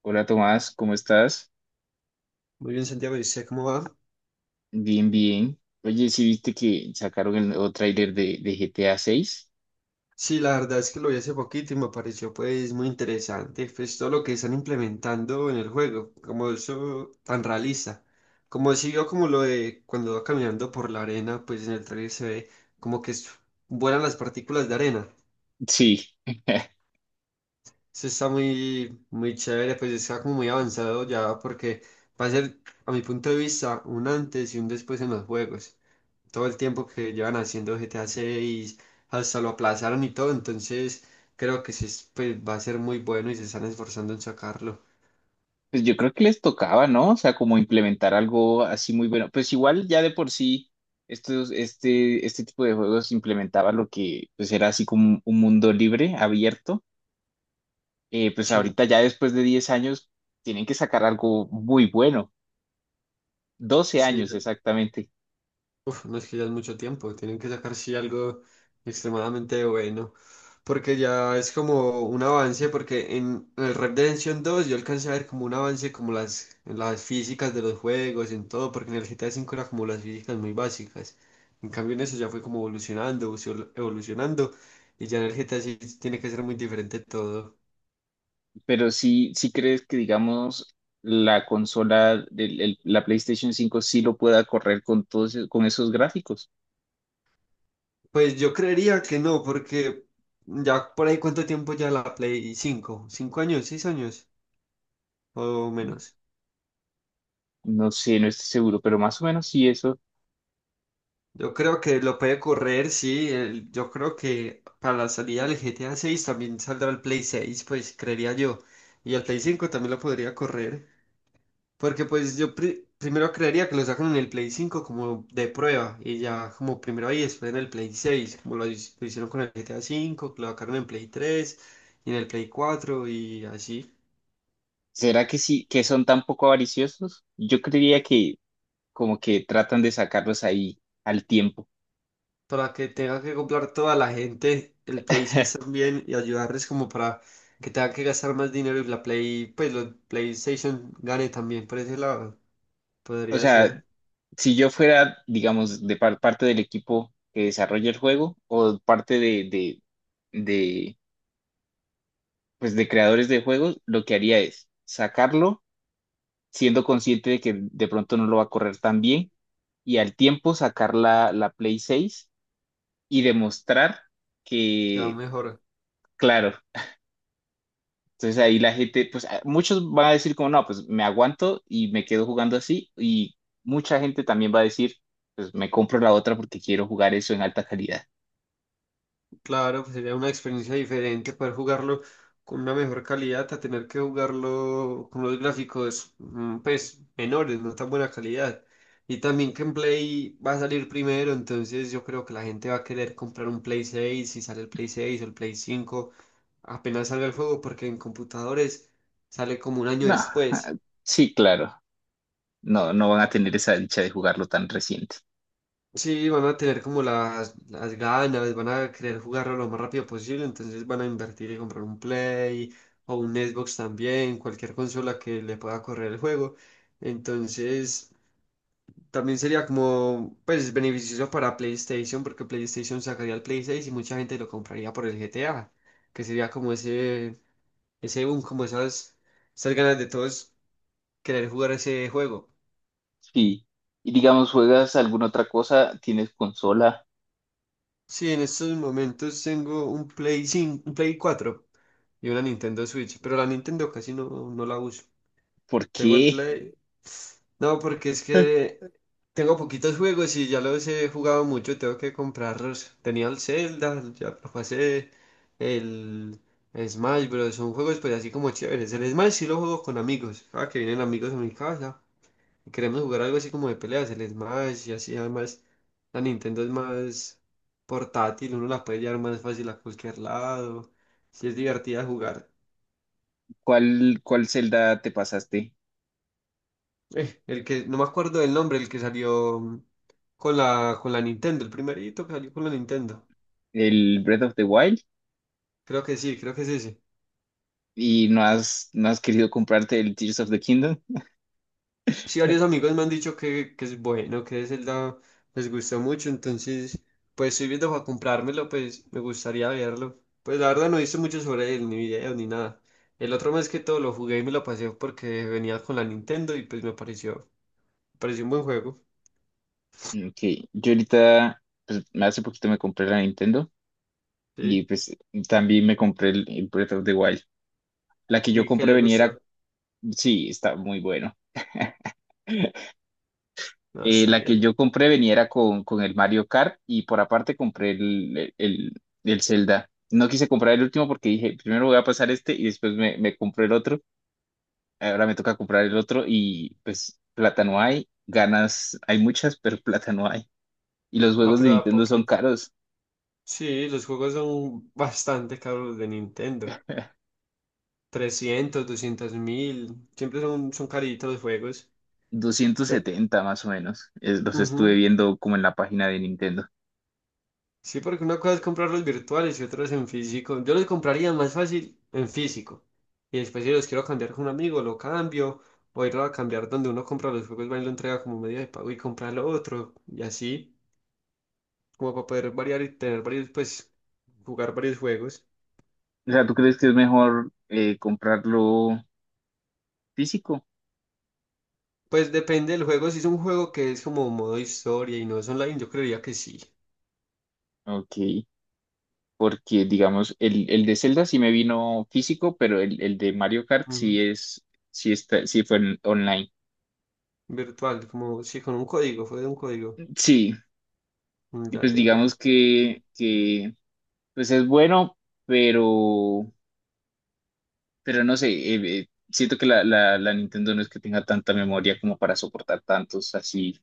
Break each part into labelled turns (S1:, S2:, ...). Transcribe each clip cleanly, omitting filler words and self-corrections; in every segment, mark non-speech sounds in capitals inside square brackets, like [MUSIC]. S1: Hola Tomás, ¿cómo estás?
S2: Muy bien, Santiago, ¿y usted cómo va?
S1: Bien, bien. Oye, ¿sí viste que sacaron el nuevo tráiler de GTA 6?
S2: Sí, la verdad es que lo vi hace poquito y me pareció pues muy interesante, pues todo lo que están implementando en el juego, como eso tan realista, como si vio como lo de cuando va caminando por la arena, pues en el trailer se ve como que vuelan las partículas de arena.
S1: Sí. [LAUGHS]
S2: Eso está muy, muy chévere, pues está como muy avanzado ya porque va a ser, a mi punto de vista, un antes y un después en los juegos. Todo el tiempo que llevan haciendo GTA 6, hasta lo aplazaron y todo, entonces creo que sí es, pues, va a ser muy bueno y se están esforzando en sacarlo.
S1: Pues yo creo que les tocaba, ¿no? O sea, como implementar algo así muy bueno. Pues igual ya de por sí, este tipo de juegos implementaba lo que pues era así como un mundo libre, abierto. Pues
S2: Sí,
S1: ahorita ya después de 10 años tienen que sacar algo muy bueno. 12
S2: sí.
S1: años exactamente.
S2: Uf, no es que ya es mucho tiempo, tienen que sacar sí algo extremadamente bueno, porque ya es como un avance, porque en el Red Redemption 2 yo alcancé a ver como un avance como en las físicas de los juegos, en todo, porque en el GTA V era como las físicas muy básicas, en cambio en eso ya fue como evolucionando, evolucionando, y ya en el GTA sí tiene que ser muy diferente todo.
S1: Pero sí, ¿sí crees que, digamos, la consola, la PlayStation 5 sí lo pueda correr con todos, con esos gráficos?
S2: Pues yo creería que no, porque ya por ahí cuánto tiempo ya la Play 5 5 años, 6 años o menos.
S1: No sé, no estoy seguro, pero más o menos sí eso.
S2: Yo creo que lo puede correr, sí. Yo creo que para la salida del GTA 6 también saldrá el Play 6, pues creería yo. Y el Play 5 también lo podría correr. Porque pues yo primero creería que lo sacan en el Play 5 como de prueba. Y ya como primero ahí, después en el Play 6, como lo hicieron con el GTA 5, que lo sacaron en Play 3 y en el Play 4 y así.
S1: ¿Será que sí, que son tan poco avariciosos? Yo creería que como que tratan de sacarlos ahí al tiempo.
S2: Para que tenga que comprar toda la gente el Play 6
S1: [LAUGHS]
S2: también y ayudarles como para que tenga que gastar más dinero y la Play, pues los PlayStation gane también por ese lado.
S1: O
S2: Podría
S1: sea,
S2: ser
S1: si yo fuera, digamos, parte del equipo que desarrolla el juego o parte de pues de creadores de juegos, lo que haría es sacarlo siendo consciente de que de pronto no lo va a correr tan bien y al tiempo sacar la Play 6 y demostrar
S2: que va
S1: que,
S2: mejor.
S1: claro, entonces ahí la gente, pues muchos van a decir como, no, pues me aguanto y me quedo jugando así, y mucha gente también va a decir, pues me compro la otra porque quiero jugar eso en alta calidad.
S2: Claro, pues sería una experiencia diferente poder jugarlo con una mejor calidad a tener que jugarlo con los gráficos pues menores, no tan buena calidad. Y también que en Play va a salir primero, entonces yo creo que la gente va a querer comprar un Play 6 si sale el Play 6 o el Play 5 apenas salga el juego porque en computadores sale como un año
S1: No, ah,
S2: después.
S1: sí, claro, no, no van a tener esa dicha de jugarlo tan reciente.
S2: Sí, van a tener como las ganas, van a querer jugarlo lo más rápido posible, entonces van a invertir y comprar un Play o un Xbox también, cualquier consola que le pueda correr el juego. Entonces, también sería como, pues, beneficioso para PlayStation, porque PlayStation sacaría el Play 6 y mucha gente lo compraría por el GTA, que sería como ese boom, como esas ganas de todos querer jugar ese juego.
S1: Sí. Y digamos, ¿juegas alguna otra cosa? ¿Tienes consola?
S2: Sí, en estos momentos tengo un Play 5, un Play 4 y una Nintendo Switch, pero la Nintendo casi no, no la uso.
S1: ¿Por
S2: Tengo el
S1: qué?
S2: Play. No, porque es
S1: [LAUGHS]
S2: que tengo poquitos juegos y ya los he jugado mucho, tengo que comprarlos. Tenía el Zelda, ya lo pasé, el Smash, pero son juegos pues así como chéveres. El Smash sí lo juego con amigos. Ah, que vienen amigos a mi casa. Queremos jugar algo así como de peleas, el Smash y así. Además, la Nintendo es más portátil, uno la puede llevar más fácil a cualquier lado. Sí, es divertida jugar.
S1: Cuál Zelda te pasaste?
S2: El que, no me acuerdo del nombre, el que salió con la Nintendo, el primerito que salió con la Nintendo.
S1: ¿El Breath of the Wild?
S2: Creo que sí, creo que es ese.
S1: ¿Y no has, no has querido comprarte el Tears of the Kingdom?
S2: Sí, varios amigos me han dicho que es bueno, que Zelda les gustó mucho, entonces, pues estoy viendo para comprármelo, pues me gustaría verlo. Pues la verdad no hice mucho sobre él, ni videos, ni nada. El otro mes que todo lo jugué y me lo pasé porque venía con la Nintendo y pues me pareció un buen juego,
S1: Ok, yo ahorita, pues hace poquito me compré la Nintendo y
S2: ¿sí?
S1: pues también me compré el Breath of the Wild. La que yo
S2: Y que
S1: compré
S2: le
S1: venía,
S2: gustó.
S1: era- sí, está muy bueno.
S2: Ah, está
S1: La que
S2: bien.
S1: yo compré venía era con el Mario Kart y por aparte compré el Zelda. No quise comprar el último porque dije, primero voy a pasar este y después me compré el otro. Ahora me toca comprar el otro y pues plata no hay, ganas hay muchas, pero [LAUGHS] plata no hay. Y los
S2: Ah,
S1: juegos de
S2: pero a
S1: Nintendo son
S2: poquito.
S1: caros,
S2: Sí, los juegos son bastante caros los de Nintendo. Trescientos 200 mil, siempre son caritos los juegos.
S1: 270 más o menos, los estuve
S2: Ujú.
S1: viendo como en la página de Nintendo.
S2: Sí, porque una cosa es comprarlos virtuales y otros en físico. Yo los compraría más fácil en físico. Y después si los quiero cambiar con un amigo, lo cambio. O irlo a cambiar donde uno compra los juegos, va y lo entrega como medio de pago y compra lo otro. Y así, como para poder variar y tener varios, pues, jugar varios juegos.
S1: O sea, ¿tú crees que es mejor comprarlo físico?
S2: Pues depende del juego. Si es un juego que es como modo historia y no es online, yo creería que sí.
S1: Ok, porque digamos, el de Zelda sí me vino físico, pero el de Mario Kart
S2: Ujú.
S1: sí es, sí está, online.
S2: Virtual, como sí, con un código, fue de un código.
S1: Sí,
S2: Mm,
S1: y
S2: ya,
S1: pues
S2: ya, ya.
S1: digamos que pues es bueno, pero Pero no sé, siento que la Nintendo no es que tenga tanta memoria como para soportar tantos así.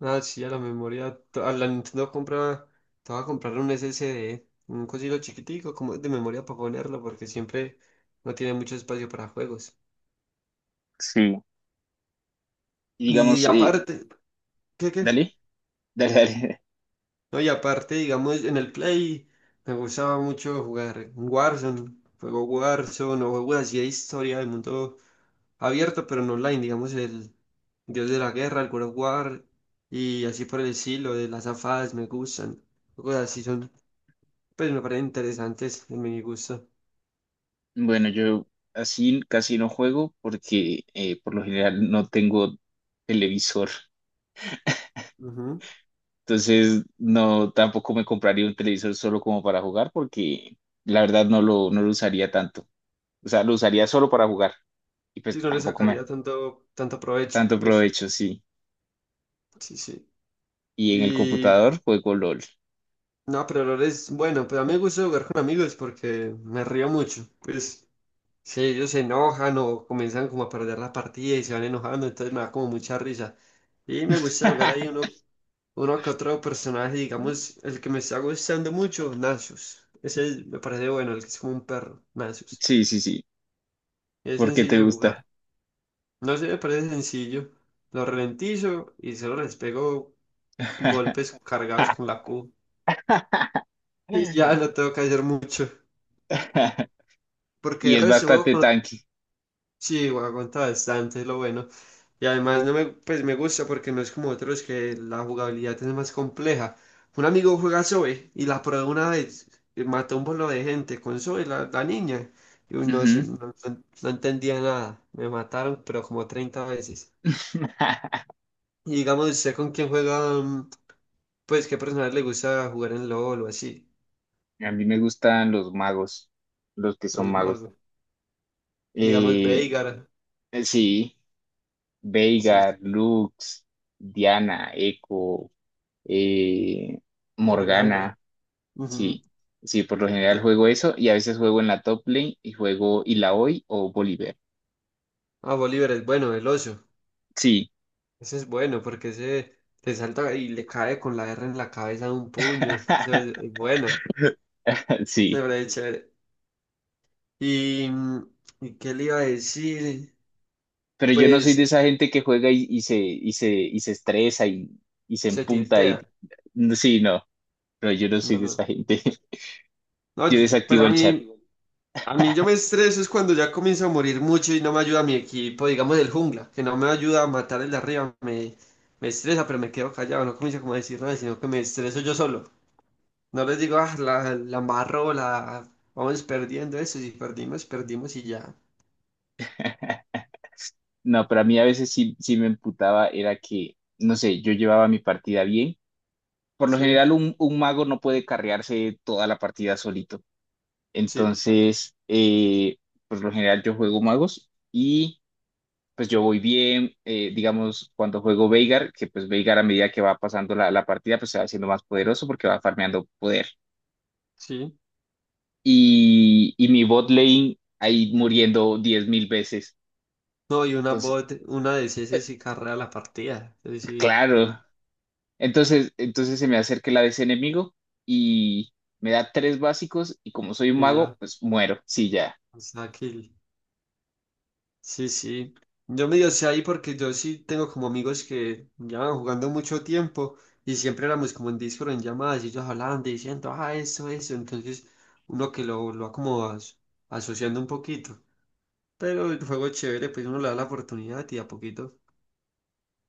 S2: Ah, sí, a la memoria. A la Nintendo compra. Te voy a comprar un SSD, un cosito chiquitico, como de memoria para ponerlo, porque siempre no tiene mucho espacio para juegos.
S1: Sí. Y
S2: Y
S1: digamos,
S2: aparte, ¿qué, qué?
S1: dale, dale, [LAUGHS] dale.
S2: No, y aparte, digamos, en el Play me gustaba mucho jugar Warzone, juego Warzone o juegos así de historia del mundo abierto, pero no online, digamos, el Dios de la Guerra, el God of War, y así por el estilo, de las afadas me gustan. Juegos así son. Pues me parecen interesantes en mi gusto.
S1: Bueno, yo así casi no juego porque por lo general no tengo televisor.
S2: Ujú.
S1: Entonces, no, tampoco me compraría un televisor solo como para jugar porque la verdad no lo, no lo usaría tanto. O sea, lo usaría solo para jugar y
S2: Sí,
S1: pues
S2: no le
S1: tampoco me
S2: sacaría tanto, tanto provecho,
S1: tanto
S2: pues
S1: provecho, sí.
S2: sí, sí.
S1: Y en el
S2: Y
S1: computador juego LOL.
S2: no, pero lo es bueno, pero a mí me gusta jugar con amigos porque me río mucho. Pues si ellos se enojan o comienzan como a perder la partida y se van enojando, entonces me da como mucha risa. Y me gusta jugar ahí
S1: [LAUGHS]
S2: uno que otro personaje, digamos, el que me está gustando mucho, Nasus. Ese me parece bueno, el que es como un perro, Nasus.
S1: Sí, sí, sí,
S2: Es
S1: porque
S2: sencillo
S1: te
S2: de
S1: gusta.
S2: jugar. No sé, me parece sencillo. Lo ralentizo y solo les pego
S1: [LAUGHS]
S2: golpes cargados con la Q. Y ya no tengo que hacer mucho. Porque
S1: Y
S2: el
S1: es
S2: resto juego
S1: bastante
S2: con...
S1: tanque.
S2: Sí, aguanta bastante, es lo bueno. Y además no me, pues me gusta porque no es como otros que la jugabilidad es más compleja. Un amigo juega Zoe y la probó una vez. Y mató un bolo de gente con Zoe, la niña. Y uy, no, sé
S1: Ujú.
S2: no, no entendía nada. Me mataron, pero como 30 veces.
S1: [LAUGHS]
S2: Y digamos, ¿usted con quién juega? Pues, ¿qué personas le gusta jugar en LOL o así?
S1: A mí me gustan los magos, los que son
S2: Los más,
S1: magos.
S2: digamos,
S1: Eh,
S2: Veigar,
S1: sí,
S2: sí,
S1: Veigar, Lux, Diana, Echo, eh,
S2: Morgana.
S1: Morgana,
S2: Ujú.
S1: sí. Sí, por lo general juego eso y a veces juego en la top lane y juego Illaoi o Bolívar.
S2: Ah, Bolívar es bueno, el oso.
S1: Sí,
S2: Ese es bueno porque ese le salta y le cae con la R en la cabeza de un puño. Eso es bueno.
S1: [LAUGHS]
S2: Ese
S1: sí.
S2: brother es chévere. Y, ¿y qué le iba a decir?
S1: Pero yo no soy de
S2: Pues
S1: esa gente que juega y se estresa y se
S2: se
S1: emputa
S2: tiltea.
S1: y no, sí, no, pero yo no soy
S2: No,
S1: de
S2: no.
S1: esa gente. [LAUGHS]
S2: No,
S1: Yo
S2: pues
S1: desactivo
S2: a
S1: el chat.
S2: mí. A mí yo me estreso es cuando ya comienza a morir mucho y no me ayuda mi equipo, digamos el jungla, que no me ayuda a matar el de arriba, me estresa, pero me quedo callado, no comienzo como a decir nada, sino que me estreso yo solo. No les digo, ah, la embarró, la vamos perdiendo eso, si perdimos, perdimos y ya.
S1: [LAUGHS] No, pero a mí a veces sí, sí me emputaba, era que, no sé, yo llevaba mi partida bien. Por lo
S2: Sí,
S1: general, un mago no puede carrearse toda la partida solito.
S2: sí,
S1: Entonces, por lo general yo juego magos, pues yo voy bien, digamos, cuando juego Veigar, que pues Veigar a medida que va pasando la partida, pues se va haciendo más poderoso porque va farmeando poder.
S2: sí.
S1: Y mi bot lane ahí muriendo 10.000 veces.
S2: No, y una
S1: Entonces,
S2: bot, una de
S1: eh,
S2: CS sí carrea la partida, es decir,
S1: claro. Entonces, entonces se me acerca el ese enemigo y me da 3 básicos y como soy un mago,
S2: ella,
S1: pues muero. Sí, ya.
S2: o sea, kill. Sí, sí. Yo medio sé ahí porque yo sí tengo como amigos que llevan jugando mucho tiempo y siempre éramos como en Discord en llamadas y ellos hablando y diciendo, ah, eso, eso. Entonces uno que lo va como asociando un poquito. Pero el juego es chévere, pues uno le da la oportunidad y a poquito.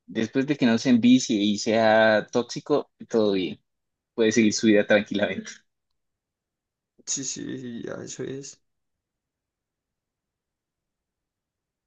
S1: Después de que no se envicie y sea tóxico, todo bien. Puede seguir
S2: Sí,
S1: su vida tranquilamente.
S2: sí, sí, ya eso es.